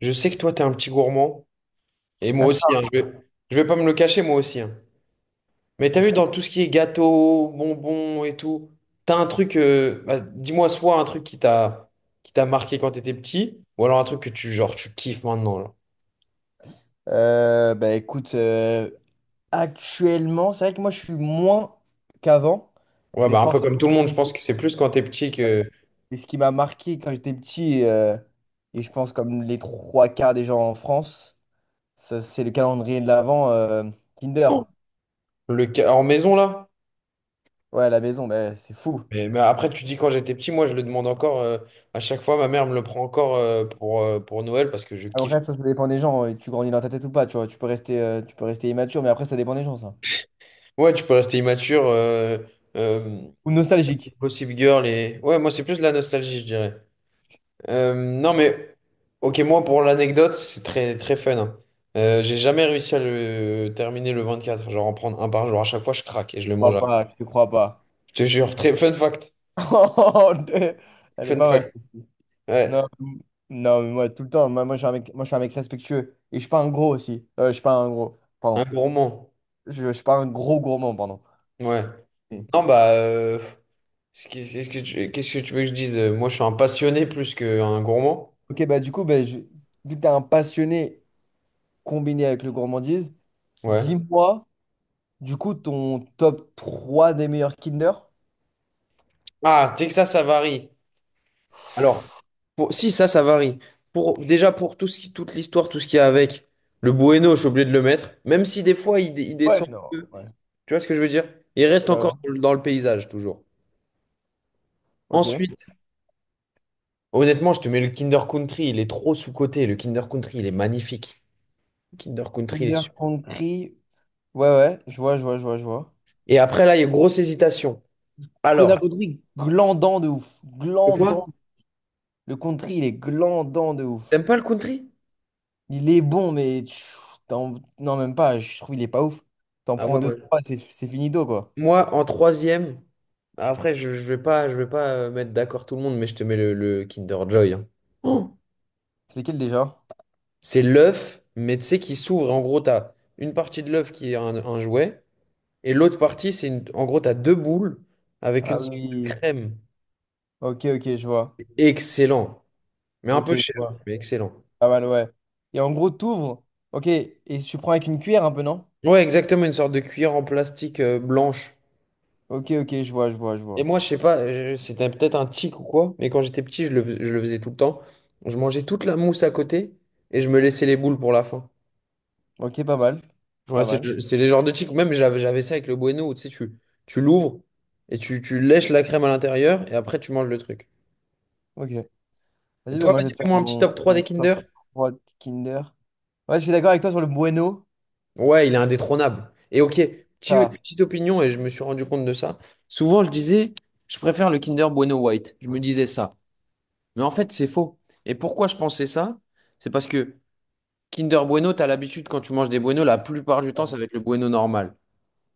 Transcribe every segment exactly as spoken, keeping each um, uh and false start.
Je sais que toi, t'es un petit gourmand. Et moi Achat, aussi, hein, je vais, je vais pas me le cacher, moi aussi. hein. Mais t'as vu, achat. dans tout ce qui est gâteau, bonbons et tout, t'as un truc, euh, bah, dis-moi soit un truc qui t'a qui t'a marqué quand t'étais petit, ou alors un truc que tu, genre, tu kiffes maintenant, là. Euh, bah écoute, euh, actuellement, c'est vrai que moi je suis moins qu'avant, Ouais, mais bah, un peu forcément, comme tout le ce monde, je qui pense que c'est plus quand t'es petit euh, que mais ce qui m'a marqué quand j'étais petit, euh, et je pense comme les trois quarts des gens en France, ça, c'est le calendrier de l'Avent euh, Kinder. le ca- en maison, là. Ouais, à la maison, bah, c'est fou. Mais, mais après, tu dis quand j'étais petit, moi, je le demande encore, euh, à chaque fois, ma mère me le prend encore, euh, pour, euh, pour Noël, parce que je kiffe. Après, ça, ça dépend des gens, et tu grandis dans ta tête ou pas, tu vois, tu peux rester, euh, tu peux rester immature, mais après, ça dépend des gens, ça. Ouais, tu peux rester immature. euh, euh, Ou nostalgique. Gossip Girl et... Ouais, moi, c'est plus de la nostalgie, je dirais. Euh, non, mais... Ok, moi, pour l'anecdote, c'est très, très fun. hein. Euh, j'ai jamais réussi à le terminer le vingt-quatre, genre en prendre un par jour. À chaque fois, je craque et Je je te le mange. crois après. pas, je te crois pas. Je te jure, très fun fact. Elle est Fun pas mal. fact. Ouais, Non, m- non, mais moi, tout le temps, moi, moi, je suis un mec, moi, je suis un mec respectueux. Et je suis pas un gros aussi. Euh, je suis pas un gros, un pardon. gourmand. Je, je suis pas un gros gourmand, pardon. Ouais. Et- Non, bah... euh, ce qui- Qu'est-ce que tu... qu'est-ce que tu veux que je dise? Moi, je suis un passionné plus qu'un gourmand. Ok, bah du coup, bah, je- vu que tu es un passionné combiné avec le gourmandise, Ouais. dis-moi, du coup, ton top trois des meilleurs Kinder? Ah, Texas, ça varie. Alors, Pour- si, ça, ça varie. Pour, déjà, pour tout ce qui, toute l'histoire, tout ce qu'il y a avec, le Bueno, je suis obligé de le mettre. Même si des fois, il, dé- il Ouais, descend un non, peu. ouais. Tu vois ce que je veux dire? Il reste encore Voilà, dans le dans le paysage, toujours. ok. Ensuite, honnêtement, je te mets le Kinder Country. Il est trop sous-coté. Le Kinder Country, il est magnifique. Le Kinder Country, il est Kinder super. Country. Ouais, ouais, je vois, je vois, je vois, je vois. Et après, là, il y a une grosse hésitation. Alors, Kinder Country, glandant de ouf. de quoi? Glandant. Le country, il est glandant de ouf. T'aimes pas le country? Il est bon, mais tu- t'en- non, même pas. Je trouve il est pas ouf. T'en Ah prends ouais, deux, moi. trois, c'est c'est finito, quoi. Moi, en troisième, après, je, je vais pas, je vais pas euh, mettre d'accord tout le monde, mais je te mets le, le Kinder Joy. hein. Oh. C'est lequel déjà? C'est l'œuf, mais tu sais, qui s'ouvre. En gros, tu as une partie de l'œuf qui est un, un jouet, et l'autre partie, c'est une... en gros, tu as deux boules avec une Ah sorte de oui. crème. Ok, ok, je vois. Excellent, mais un Ok, peu je cher, vois. mais excellent. Pas mal, ouais. Et en gros, t'ouvres. Ok, et tu prends avec une cuillère un peu, non? Ouais, exactement, une sorte de cuillère en plastique euh, blanche. Ok, ok, je vois, je vois, je Et vois. moi, je sais pas, euh, c'était peut-être un tic ou quoi, mais quand j'étais petit, je le, je le faisais tout le temps. Je mangeais toute la mousse à côté et je me laissais les boules pour la fin. Ok, pas mal. Ouais, Pas c'est mal. le- c'est les genres de chics. Même j'avais j'avais ça avec le Bueno, où, tu sais, tu, tu l'ouvres et tu, tu lèches la crème à l'intérieur et après tu manges le truc. Ok. Et Vas-y, bah, toi, moi, je vas-y, vais te faire fais-moi un petit mon, top trois mon des top Kinder. trois Kinder. Ouais, je suis d'accord avec toi sur le bueno. Ouais, il est indétrônable. Et ok, petit- Ça, petite opinion, et je me suis rendu compte de ça. Souvent, je disais, je préfère le Kinder Bueno White. Je me disais ça. Mais en fait, c'est faux. Et pourquoi je pensais ça? C'est parce que Kinder Bueno, t'as l'habitude quand tu manges des Bueno, la plupart du temps, ça ouais, va être le Bueno normal.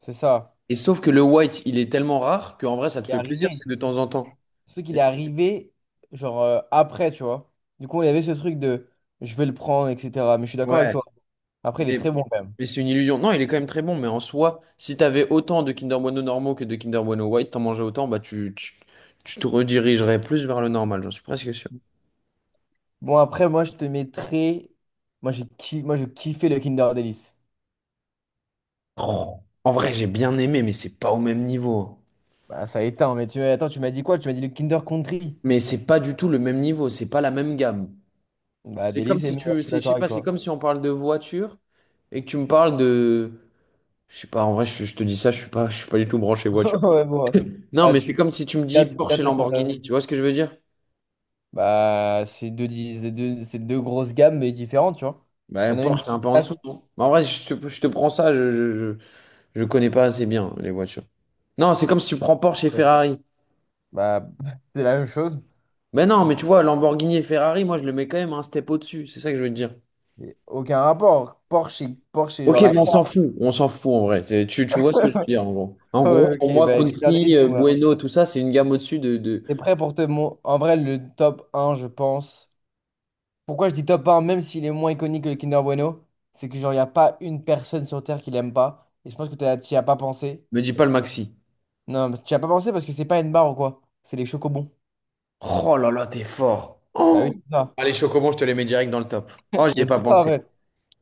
c'est ça. Et sauf que le White, il est tellement rare qu'en vrai, ça te Il est fait plaisir, arrivé. c'est de temps en temps. Surtout qu'il est arrivé, genre, euh, après, tu vois. Du coup, il y avait ce truc de je vais le prendre, et cetera. Mais je suis d'accord avec Ouais, toi. Après, il est Mais, très bon, quand même. mais c'est une illusion. Non, il est quand même très bon, mais en soi, si t'avais autant de Kinder Bueno normaux que de Kinder Bueno White, t'en mangeais autant, bah tu, tu, tu te redirigerais plus vers le normal, j'en suis presque sûr. Bon, après, moi, je te mettrais. Moi, j'ai ki- moi, je kiffais le Kinder Delice. Oh, en vrai, j'ai bien aimé, mais c'est pas au même niveau. hein. Bah, ça éteint, mais tu... attends, tu m'as dit quoi? Tu m'as dit le Kinder Country. Mais c'est pas du tout le même niveau, c'est pas la même gamme. Bah, C'est comme Delice est si meilleur, tu, je suis c'est, je sais d'accord avec pas, c'est toi. comme si on parle de voiture et que tu me parles de, je sais pas, en vrai, je, je te dis ça, je suis pas, je suis pas du tout branché voiture. Ouais, bon. Ouais. Non, Bah, mais c'est tu. comme si tu me dis Garde, Porsche garde et ta Lamborghini, comparaison. tu vois ce que je veux dire? Bah, c'est deux, dis- c'est deux... c'est deux grosses gammes, mais différentes, tu vois. Bah, Il y en a une Porsche, qui t'es un peu en dessous, casse. non? Mais en vrai, je te, je te prends ça, je, je, je, je connais pas assez bien les voitures. Non, c'est comme si tu prends Porsche et Ouais. Ferrari. Bah, c'est la même chose. Ben non, mais tu vois, Lamborghini et Ferrari, moi, je le mets quand même un step au-dessus, c'est ça que je veux te dire. Et aucun rapport. Porsche, c'est- Porsche, c'est Ok, genre la mais on classe. s'en fout, on s'en fout en vrai. C'est- Tu, tu vois ce que je veux dire, en gros. En Oh, gros, pour ok, moi, bah écoute, Country, c'est euh, moi. Bueno, tout ça, c'est une gamme au-dessus de, de... T'es prêt pour te mon... En vrai, le top un je pense. Pourquoi je dis top un même s'il est moins iconique que le Kinder Bueno, c'est que genre, il n'y a pas une personne sur Terre qui l'aime pas. Et je pense que t'as- tu n'y as pas pensé. Me dis pas le Maxi. Non, mais tu n'y as pas pensé parce que c'est pas une barre ou quoi. C'est les chocobons. Oh là là, t'es fort. Bah oui, c'est ça. Ah, les chocobons, je te les mets direct dans le top. Oh, j'y ai Mais c'est pas ça, en pensé. fait.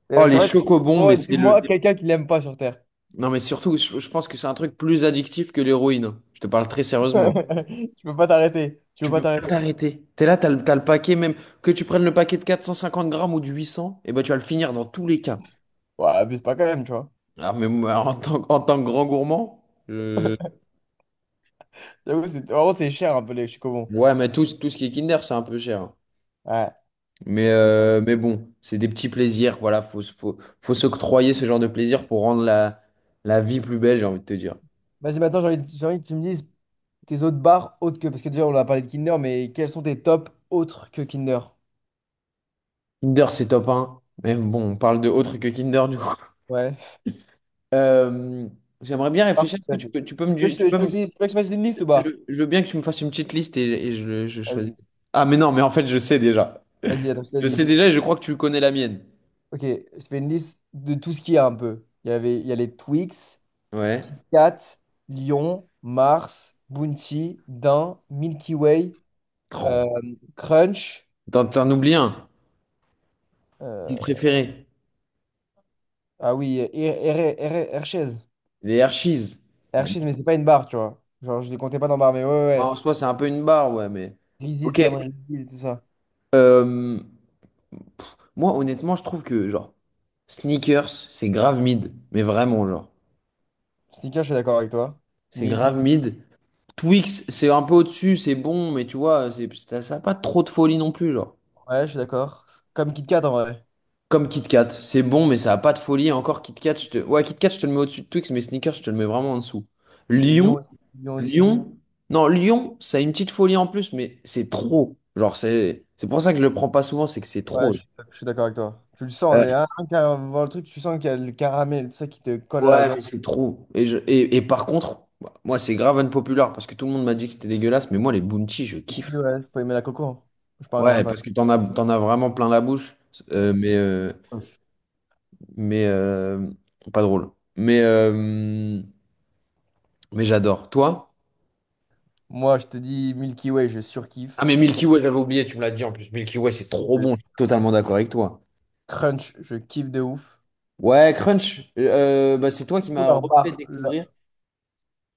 Et Oh, parce les qu'en fait, chocobons, oh, mais c'est le, dis-moi quelqu'un qui l'aime pas sur Terre. Non, mais surtout, je, je pense que c'est un truc plus addictif que l'héroïne. Je te parle très sérieusement. Tu peux pas t'arrêter. Tu peux Tu pas peux pas t'arrêter. t'arrêter. T'es là, t'as le, t'as le paquet, même que tu prennes le paquet de quatre cent cinquante grammes ou du huit cents, et ben tu vas le finir dans tous les cas. Ouais, abuse pas quand même, tu vois. Ah, mais moi, en tant, en tant que grand gourmand, euh, J'avoue, c'est... En gros, c'est cher un peu les chocobons. ouais, mais tout, tout ce qui est Kinder, c'est un peu cher. hein. Ouais. Mais, euh, mais bon, c'est des petits plaisirs. Voilà, faut, se- faut, faut s'octroyer ce genre de plaisir pour rendre la, la vie plus belle, j'ai envie de te dire. Vas-y, maintenant, j'ai envie, j'ai envie que tu me dises tes autres bars autres que. Parce que déjà, on a parlé de Kinder, mais quels sont tes tops autres que Kinder? Kinder, c'est top un. Mais bon, on parle de autre que Kinder, du coup. Ouais. Euh, j'aimerais bien Bars, je réfléchir. sais Est-ce que pas, tu tu peux, tu peux me, veux que du- je te- tu peux tu veux que me- je tu veux que je fasse une liste ou je, pas? je veux bien que tu me fasses une petite liste et, et je, je choisis. Vas-y, Ah, mais non, mais en fait, je sais déjà. vas-y, attends, je fais Je une sais liste. déjà et je crois que tu connais la mienne. Ok, je fais une liste de tout ce qu'il y a un peu. Il y avait, il y a les Twix, Ouais. Cat, Lion, Mars, Bounty, Daim, Milky Way, euh, Oh, Crunch. T'en t'en oublies un, mon euh, préféré. ah oui, Her- Her- Her- Hershey's. Les Hershey's. Hershey's, Magnifique. mais c'est pas une barre, tu vois. Genre, je les comptais pas dans barre, mais ouais, ouais. Bah, en Ouais. soi, c'est un peu une barre, ouais, mais. Reese's, Ok. Cameron Reese's, tout ça. Euh, moi, honnêtement, je trouve que, genre, Sneakers, c'est grave mid. Mais vraiment, genre. Snickers, je suis d'accord avec toi. C'est Mid. grave mid. Twix, c'est un peu au-dessus, c'est bon, mais tu vois, c'est, ça n'a pas trop de folie non plus, genre. Ouais, je suis d'accord. Comme Kit Kat en vrai. Comme Kit Kat, c'est bon, mais ça a pas de folie. Encore Kit Kat, je te... Ouais, Kit Kat, je te le mets au-dessus de Twix, mais Snickers, je te le mets vraiment en dessous. Et Lyon Lion, aussi. Lyon aussi. Lion, non, Lion, ça a une petite folie en plus, mais c'est trop. Genre, c'est c'est pour ça que je le prends pas souvent, c'est que c'est Ouais, trop. je suis je suis d'accord avec toi. Tu le sens, on Euh, est un, avant voir le truc, tu sens qu'il y a le caramel, tout ça qui te colle à la Ouais, mais dent. c'est trop. Et, je... et, et par contre, bah, moi, c'est grave unpopular parce que tout le monde m'a dit que c'était dégueulasse, mais moi, les Bounty, je Milky kiffe. Way, faut aimer la coco, hein. Je suis pas un grand Ouais, fan. parce que t'en as, t'en as vraiment plein la bouche, Ouais. euh, mais, euh, Proche. mais euh, pas drôle. Mais, euh, mais j'adore. Toi? Moi, je te dis Milky Way, je Ah surkiffe. mais Milky Way, j'avais oublié, tu me l'as dit en plus. Milky Way, c'est trop Je bon, je suis totalement surkiffe. d'accord avec toi. Crunch, je kiffe de ouf. Ouais, Crunch, euh, bah, c'est toi qui Surtout m'as leur refait barre, découvrir. le-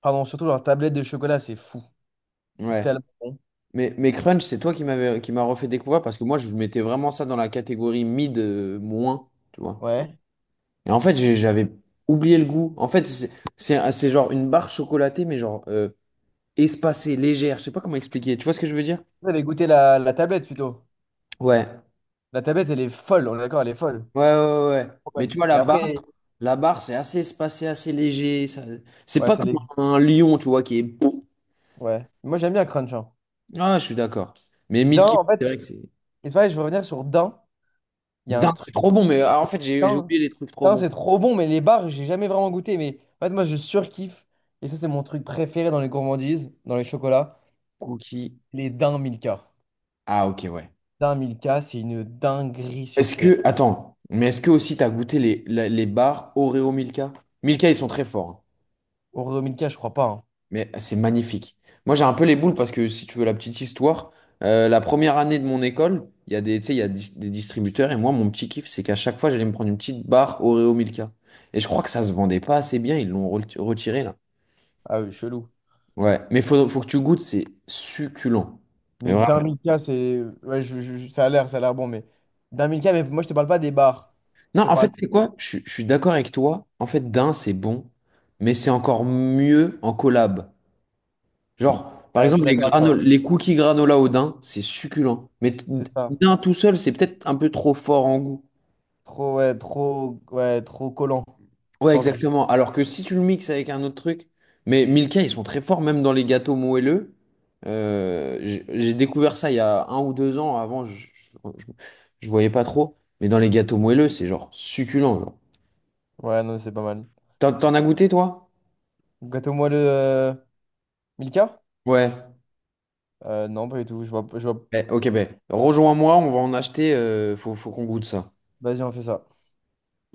pardon, surtout leur tablette de chocolat, c'est fou. C'est Ouais. tellement bon. Mais, mais Crunch, c'est toi qui m'avais qui m'a refait découvrir parce que moi, je mettais vraiment ça dans la catégorie mid euh, moins, tu vois. Ouais. Et en fait, j'ai- j'avais oublié le goût. En fait, c'est c'est c'est genre une barre chocolatée, mais genre euh, espacée, légère. Je sais pas comment expliquer. Tu vois ce que je veux dire? Vous avez goûté la, la tablette plutôt. Ouais. La tablette, elle est folle, on est d'accord, elle est folle. Ouais, ouais, ouais. ouais. Trop Mais tu bonne. vois, Mais la barre, après, la barre, c'est assez espacé, assez léger. ça- C'est ouais, pas c'est comme les. un lion, tu vois, qui est. Ouais. Moi, j'aime bien Crunch, hein. Ah, je suis d'accord. Mais mille Dain, kilos, en fait, c'est vrai que c'est. et c'est pareil, je veux revenir sur Dain. Il y a un Dingue, c'est truc. trop bon. Mais ah, en fait, j'ai j'ai Dain, oublié les trucs trop Dain, bons. c'est trop bon, mais les bars, j'ai jamais vraiment goûté. Mais en fait, moi, je surkiffe. Et ça, c'est mon truc préféré dans les gourmandises, dans les chocolats. Cookies. Les Dain Milka. Ah, ok, ouais. Dain Milka, c'est une dinguerie Est-ce sur terre. que. Attends. Mais est-ce que aussi, t'as goûté les, la- les, barres Oreo Milka? Milka, ils sont très forts. hein. Oreo Milka, je crois pas, hein. Mais c'est magnifique. Moi, j'ai un peu les boules parce que si tu veux la petite histoire, euh, la première année de mon école, il y a des, tu sais, il y a dis- des distributeurs et moi, mon petit kiff, c'est qu'à chaque fois, j'allais me prendre une petite barre Oreo Milka. Et je crois que ça se vendait pas assez bien, ils l'ont re- retiré là. Ah oui, chelou. Ouais, mais faut, faut que tu goûtes, c'est succulent. Mais Mais vraiment. d'un Milka, c'est. Ouais, je- je- je- ça a l'air, ça a l'air bon, mais. D'un Milka, mais moi, je te parle pas des bars. Non, Je te en parle. fait, c'est quoi? Je, suis je suis d'accord avec toi. En fait, d'un, c'est bon, mais c'est encore mieux en collab. Genre, par Ouais, je suis exemple, les, d'accord avec grano- toi. les cookies granola au daim, c'est succulent. Mais t- C'est ça. daim tout seul, c'est peut-être un peu trop fort en goût. Trop, ouais, trop, ouais, trop collant. Je Ouais, pense que je- exactement. Alors que si tu le mixes avec un autre truc, mais Milka, ils sont très forts, même dans les gâteaux moelleux. Euh, j'ai j'ai découvert ça il y a un ou deux ans. Avant, je, je, je- je voyais pas trop. Mais dans les gâteaux moelleux, c'est genre succulent. Genre. Ouais, non, c'est pas mal. T'en, t'en as goûté, toi? Gâteau moelleux, euh, Milka? Ouais. Euh, non, pas du tout. Je vois, je vois... Eh, ok, ben, rejoins-moi, on va en acheter. euh, faut, faut qu'on goûte ça. Vas-y, on fait ça.